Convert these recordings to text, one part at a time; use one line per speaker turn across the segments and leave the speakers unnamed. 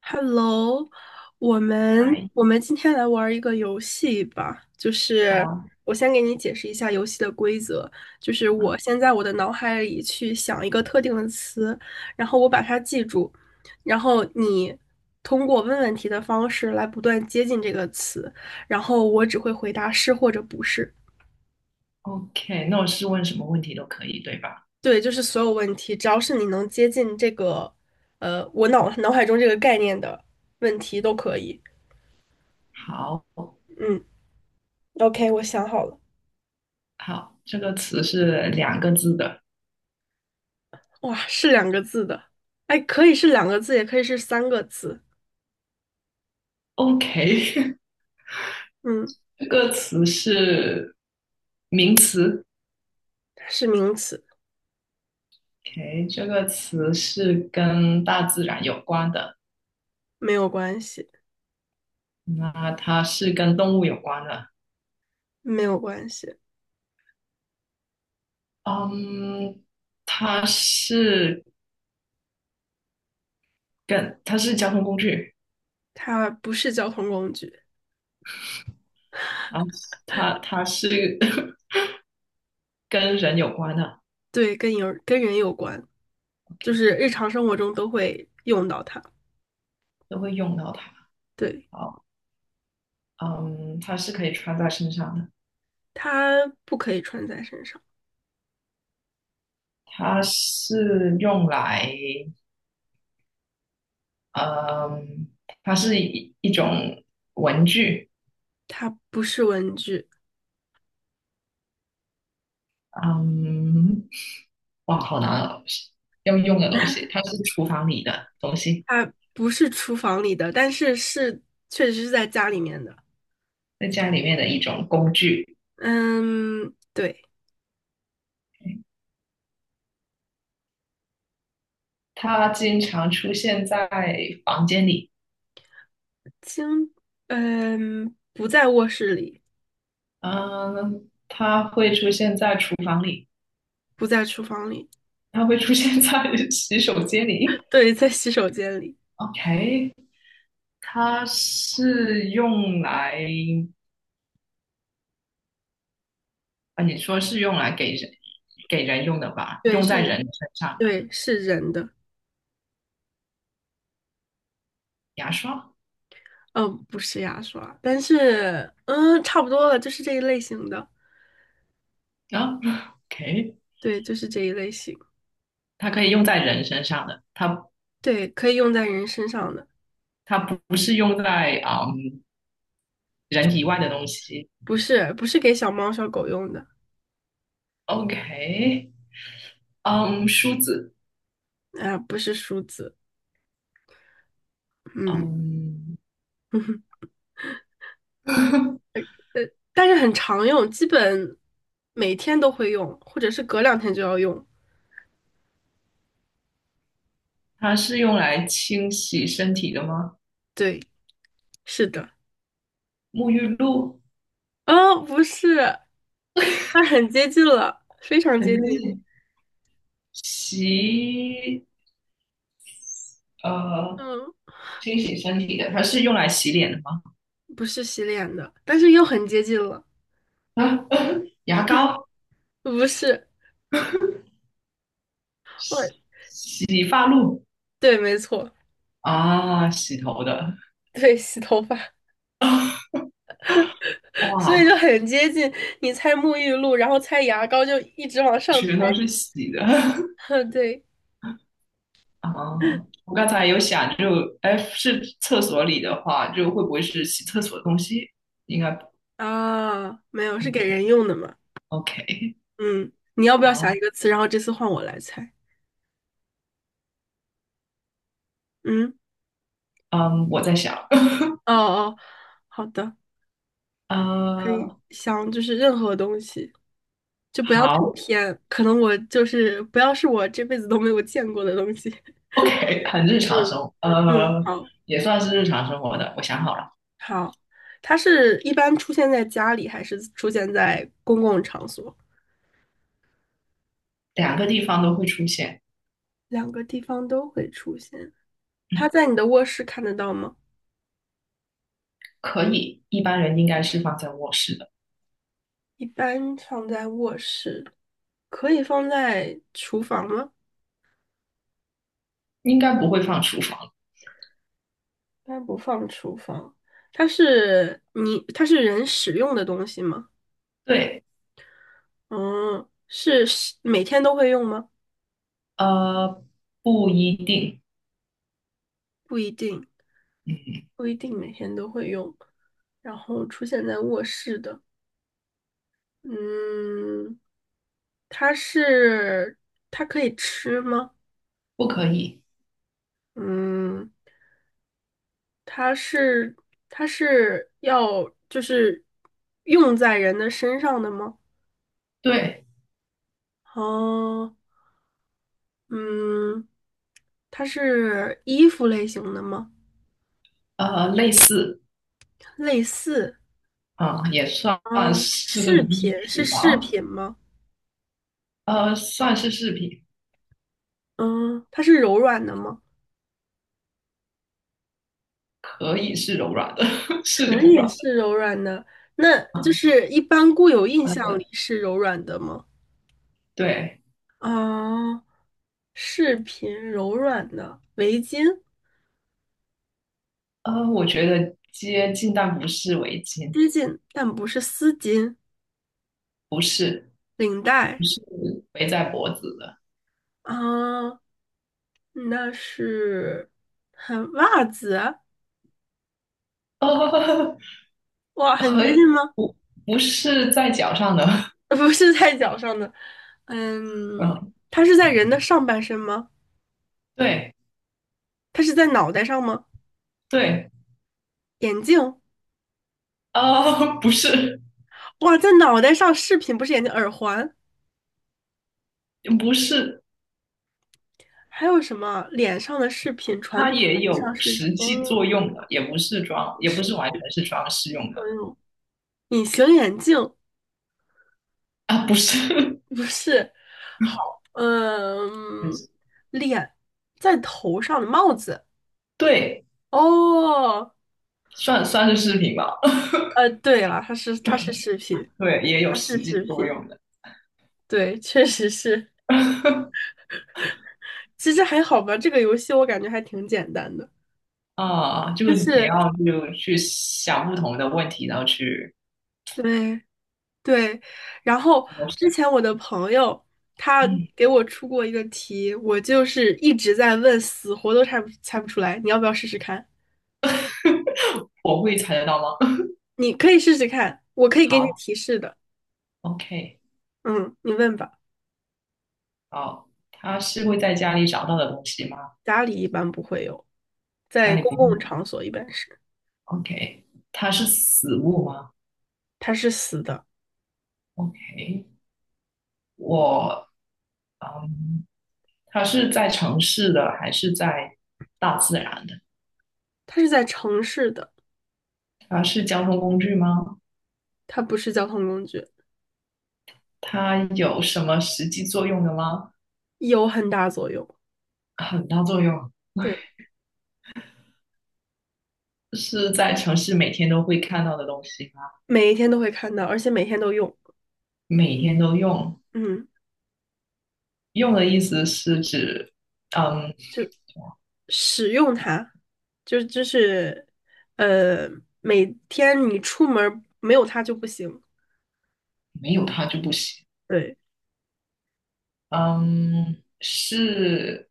Hello，我们
嗨。
我们今天来玩儿一个游戏吧，就是
好。
我先给你解释一下游戏的规则，就是我
嗯
先在我的脑海里去想一个特定的词，然后我把它记住，然后你通过问问题的方式来不断接近这个词，然后我只会回答是或者不是。
，OK，那我是问什么问题都可以，对吧？
对，就是所有问题，只要是你能接近这个，我脑海中这个概念的问题都可以。
好。
嗯，OK，我想好了。
好，这个词是两个字的
哇，是两个字的，哎，可以是两个字，也可以是三个字。
，OK。
嗯，
这个词是名词
它是名词，
，OK，这个词是跟大自然有关的。
没有关系，
那它是跟动物有关的。
没有关系，
嗯，它是交通工具。
它不是交通工具。
然后它是 跟人有关的
对，跟人有关，就
，OK，
是日常生活中都会用到它。
都会用到它。
对，
好。嗯，它是可以穿在身上的。
它不可以穿在身上，
它是用来，嗯，它是一种文具。
它不是文具，
嗯，哇，好难哦。要用的东西，它是厨房里的东西。
它不是厨房里的，但是确实是在家里面的。
在家里面的一种工具。
嗯，对，
它经常出现在房间里。
经，嗯，不在卧室里，
嗯，它会出现在厨房里。
不在厨房里。
它会出现在 洗手间里
对，在洗手间里，
，OK,它是用来你说是用来给人用的吧？
对，
用在
是，
人身上的。
对，是人的，
牙刷。
嗯，不是牙刷，但是，嗯，差不多了，就是这一类型的，
啊。OK,
对，就是这一类型，
它可以用在人身上的。它
对，可以用在人身上的，
它不是用在人以外的东西
不是，不是给小猫小狗用的，
，OK。嗯，梳子。
啊、不是梳子，嗯，
嗯。
但是很常用，基本每天都会用，或者是隔两天就要用，
它是用来清洗身体的吗？
对，是的，
沐浴露。
哦，不是，那很接近了，非常
很反
接近，
正洗呃
嗯，
清洗身体的，它是用来洗脸的吗？
不是洗脸的，但是又很接近了。
啊。牙膏、
不是，我
洗洗发露。
对，没错，
啊，洗头的。
对，洗头发，所以
哇，
就很接近。你猜沐浴露，然后猜牙膏，就一直往上猜。
全都是洗的。
对，
啊！我刚
没
才有想就，哎，是厕所里的话，就会不会是洗厕所的东西？应该。
啊，没有，是给
嗯
人用的嘛？
，OK。
嗯，你要不要想
好。
一个词？然后这次换我来猜。嗯，
嗯，我在想。
哦哦，好的，可以
呃。
想，就是任何东西，就不要太
好
偏，可能我就是不要是我这辈子都没有见过的东西。
，OK,很日常生
嗯
活。
嗯，好。
也算是日常生活的。我想好了。
好，它是一般出现在家里，还是出现在公共场所？
两个地方都会出现。
两个地方都会出现。它在你的卧室看得到吗？
可以，一般人应该是放在卧室的。
一般放在卧室，可以放在厨房吗？
应该不会放厨房。
一般不放厨房。它是你，它是人使用的东西吗？
对。
嗯，是每天都会用吗？
呃，不一定。
不一定，不一定每天都会用。然后出现在卧室的。嗯，它是它可以吃吗？
不可以。
嗯，它是它是要用在人的身上的吗？
对。
哦，嗯，它是衣服类型的吗？
呃，类似。
类似
啊，也算
啊，
是
饰
衣
品是
服吧。
饰品吗？
呃，算是饰品。
嗯，它是柔软的吗？
可以是柔软的，是柔
可
软
以
的。
是柔软的，那就
啊。
是一般固有印象
呃。
里是柔软的吗？
对。
啊，饰品柔软的围巾，
呃，我觉得接近，但不是围巾。
接近但不是丝巾，
不是。
领
不
带
是。围在脖子的。
啊，那是很袜子，
呃，
哇，很
和
接近吗？
不不是在脚上的。
不是在脚上的，嗯，
嗯。
它是在人的上半身吗？
对。
它是在脑袋上吗？
对。
眼镜，
呃，不是。
哇，在脑袋上，饰品不是眼镜，耳环，
不是。
还有什么？脸上的饰品，传
它
统
也
意义上
有
是
实
坚
际作
硬
用的，也不是装，
的
也不
饰
是完
品
全是装饰用
作
的。
用，隐形眼镜。
啊，不是。
不是，嗯，脸在头上的帽子。
对，
哦，
算是饰品吧。
呃，对了，它是饰品，
对，也有
它是
实际
饰
作
品，
用的。
对，确实是。其实还好吧，这个游戏我感觉还挺简单的，
啊，就
就
你
是
要就去想不同的问题，然后去。
对对。然后之前我的朋友他
嗯，
给我出过一个题，我就是一直在问，死活都猜不出来。你要不要试试看？
我会猜得到吗？
你可以试试看，我可 以给你
好
提示的。
，OK。
嗯，你问吧。
好，它是会在家里找到的东西吗？
家里一般不会有，
家
在
里
公
不会
共场所一般是，
，OK,它是死物吗
它是死的，
？OK。我。嗯。它是在城市的还是在大自然的？
它是在城市的，
它是交通工具吗？
它不是交通工具，
它有什么实际作用的吗？
有很大作用。
很大作用。
对，
是在城市每天都会看到的东西吗？
每一天都会看到，而且每天都用，
每天都用。
嗯，
用的意思是指，嗯，
就使用它，就是呃，每天你出门儿没有它就不行。
没有它就不行。
对，
嗯，是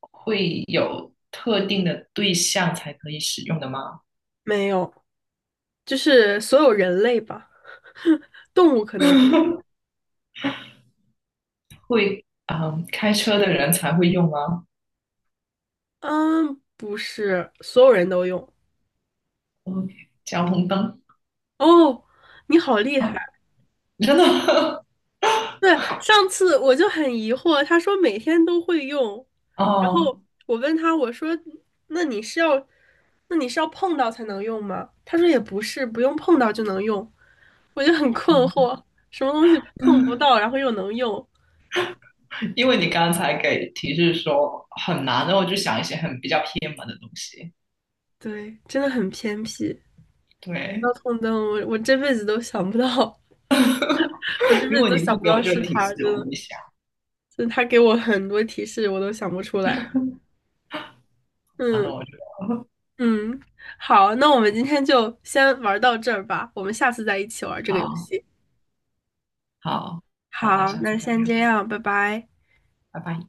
会有特定的对象才可以使用的吗？
没有，就是所有人类吧，动物可能不，
会。嗯，开车的人才会用吗
嗯，不是所有人都用。
？OK。交通灯。
哦，你好厉害。
真的。
对，上次我就很疑惑，他说每天都会用，然
哦，
后我问他，我说那你是要，那你是要碰到才能用吗？他说也不是，不用碰到就能用，我就很困惑，什么东西碰不到，然后又能用？
因为你刚才给提示说很难，然后我就想一些很比较偏门的东西。
对，真的很偏僻。
对。
交通灯，我这辈子都想不到，我这
如
辈子
果
都
你
想
不
不
给我
到
这
是
个提
他，真
示，我不
的，
会想。
就是他给我很多提示，我都想不出来。
然
嗯，
后我就。
嗯，好，那我们今天就先玩到这儿吧，我们下次再一起玩 这个游
好
戏。
好好，那
好，
下次
那
再
先
聊。
这样，拜拜。
拜拜。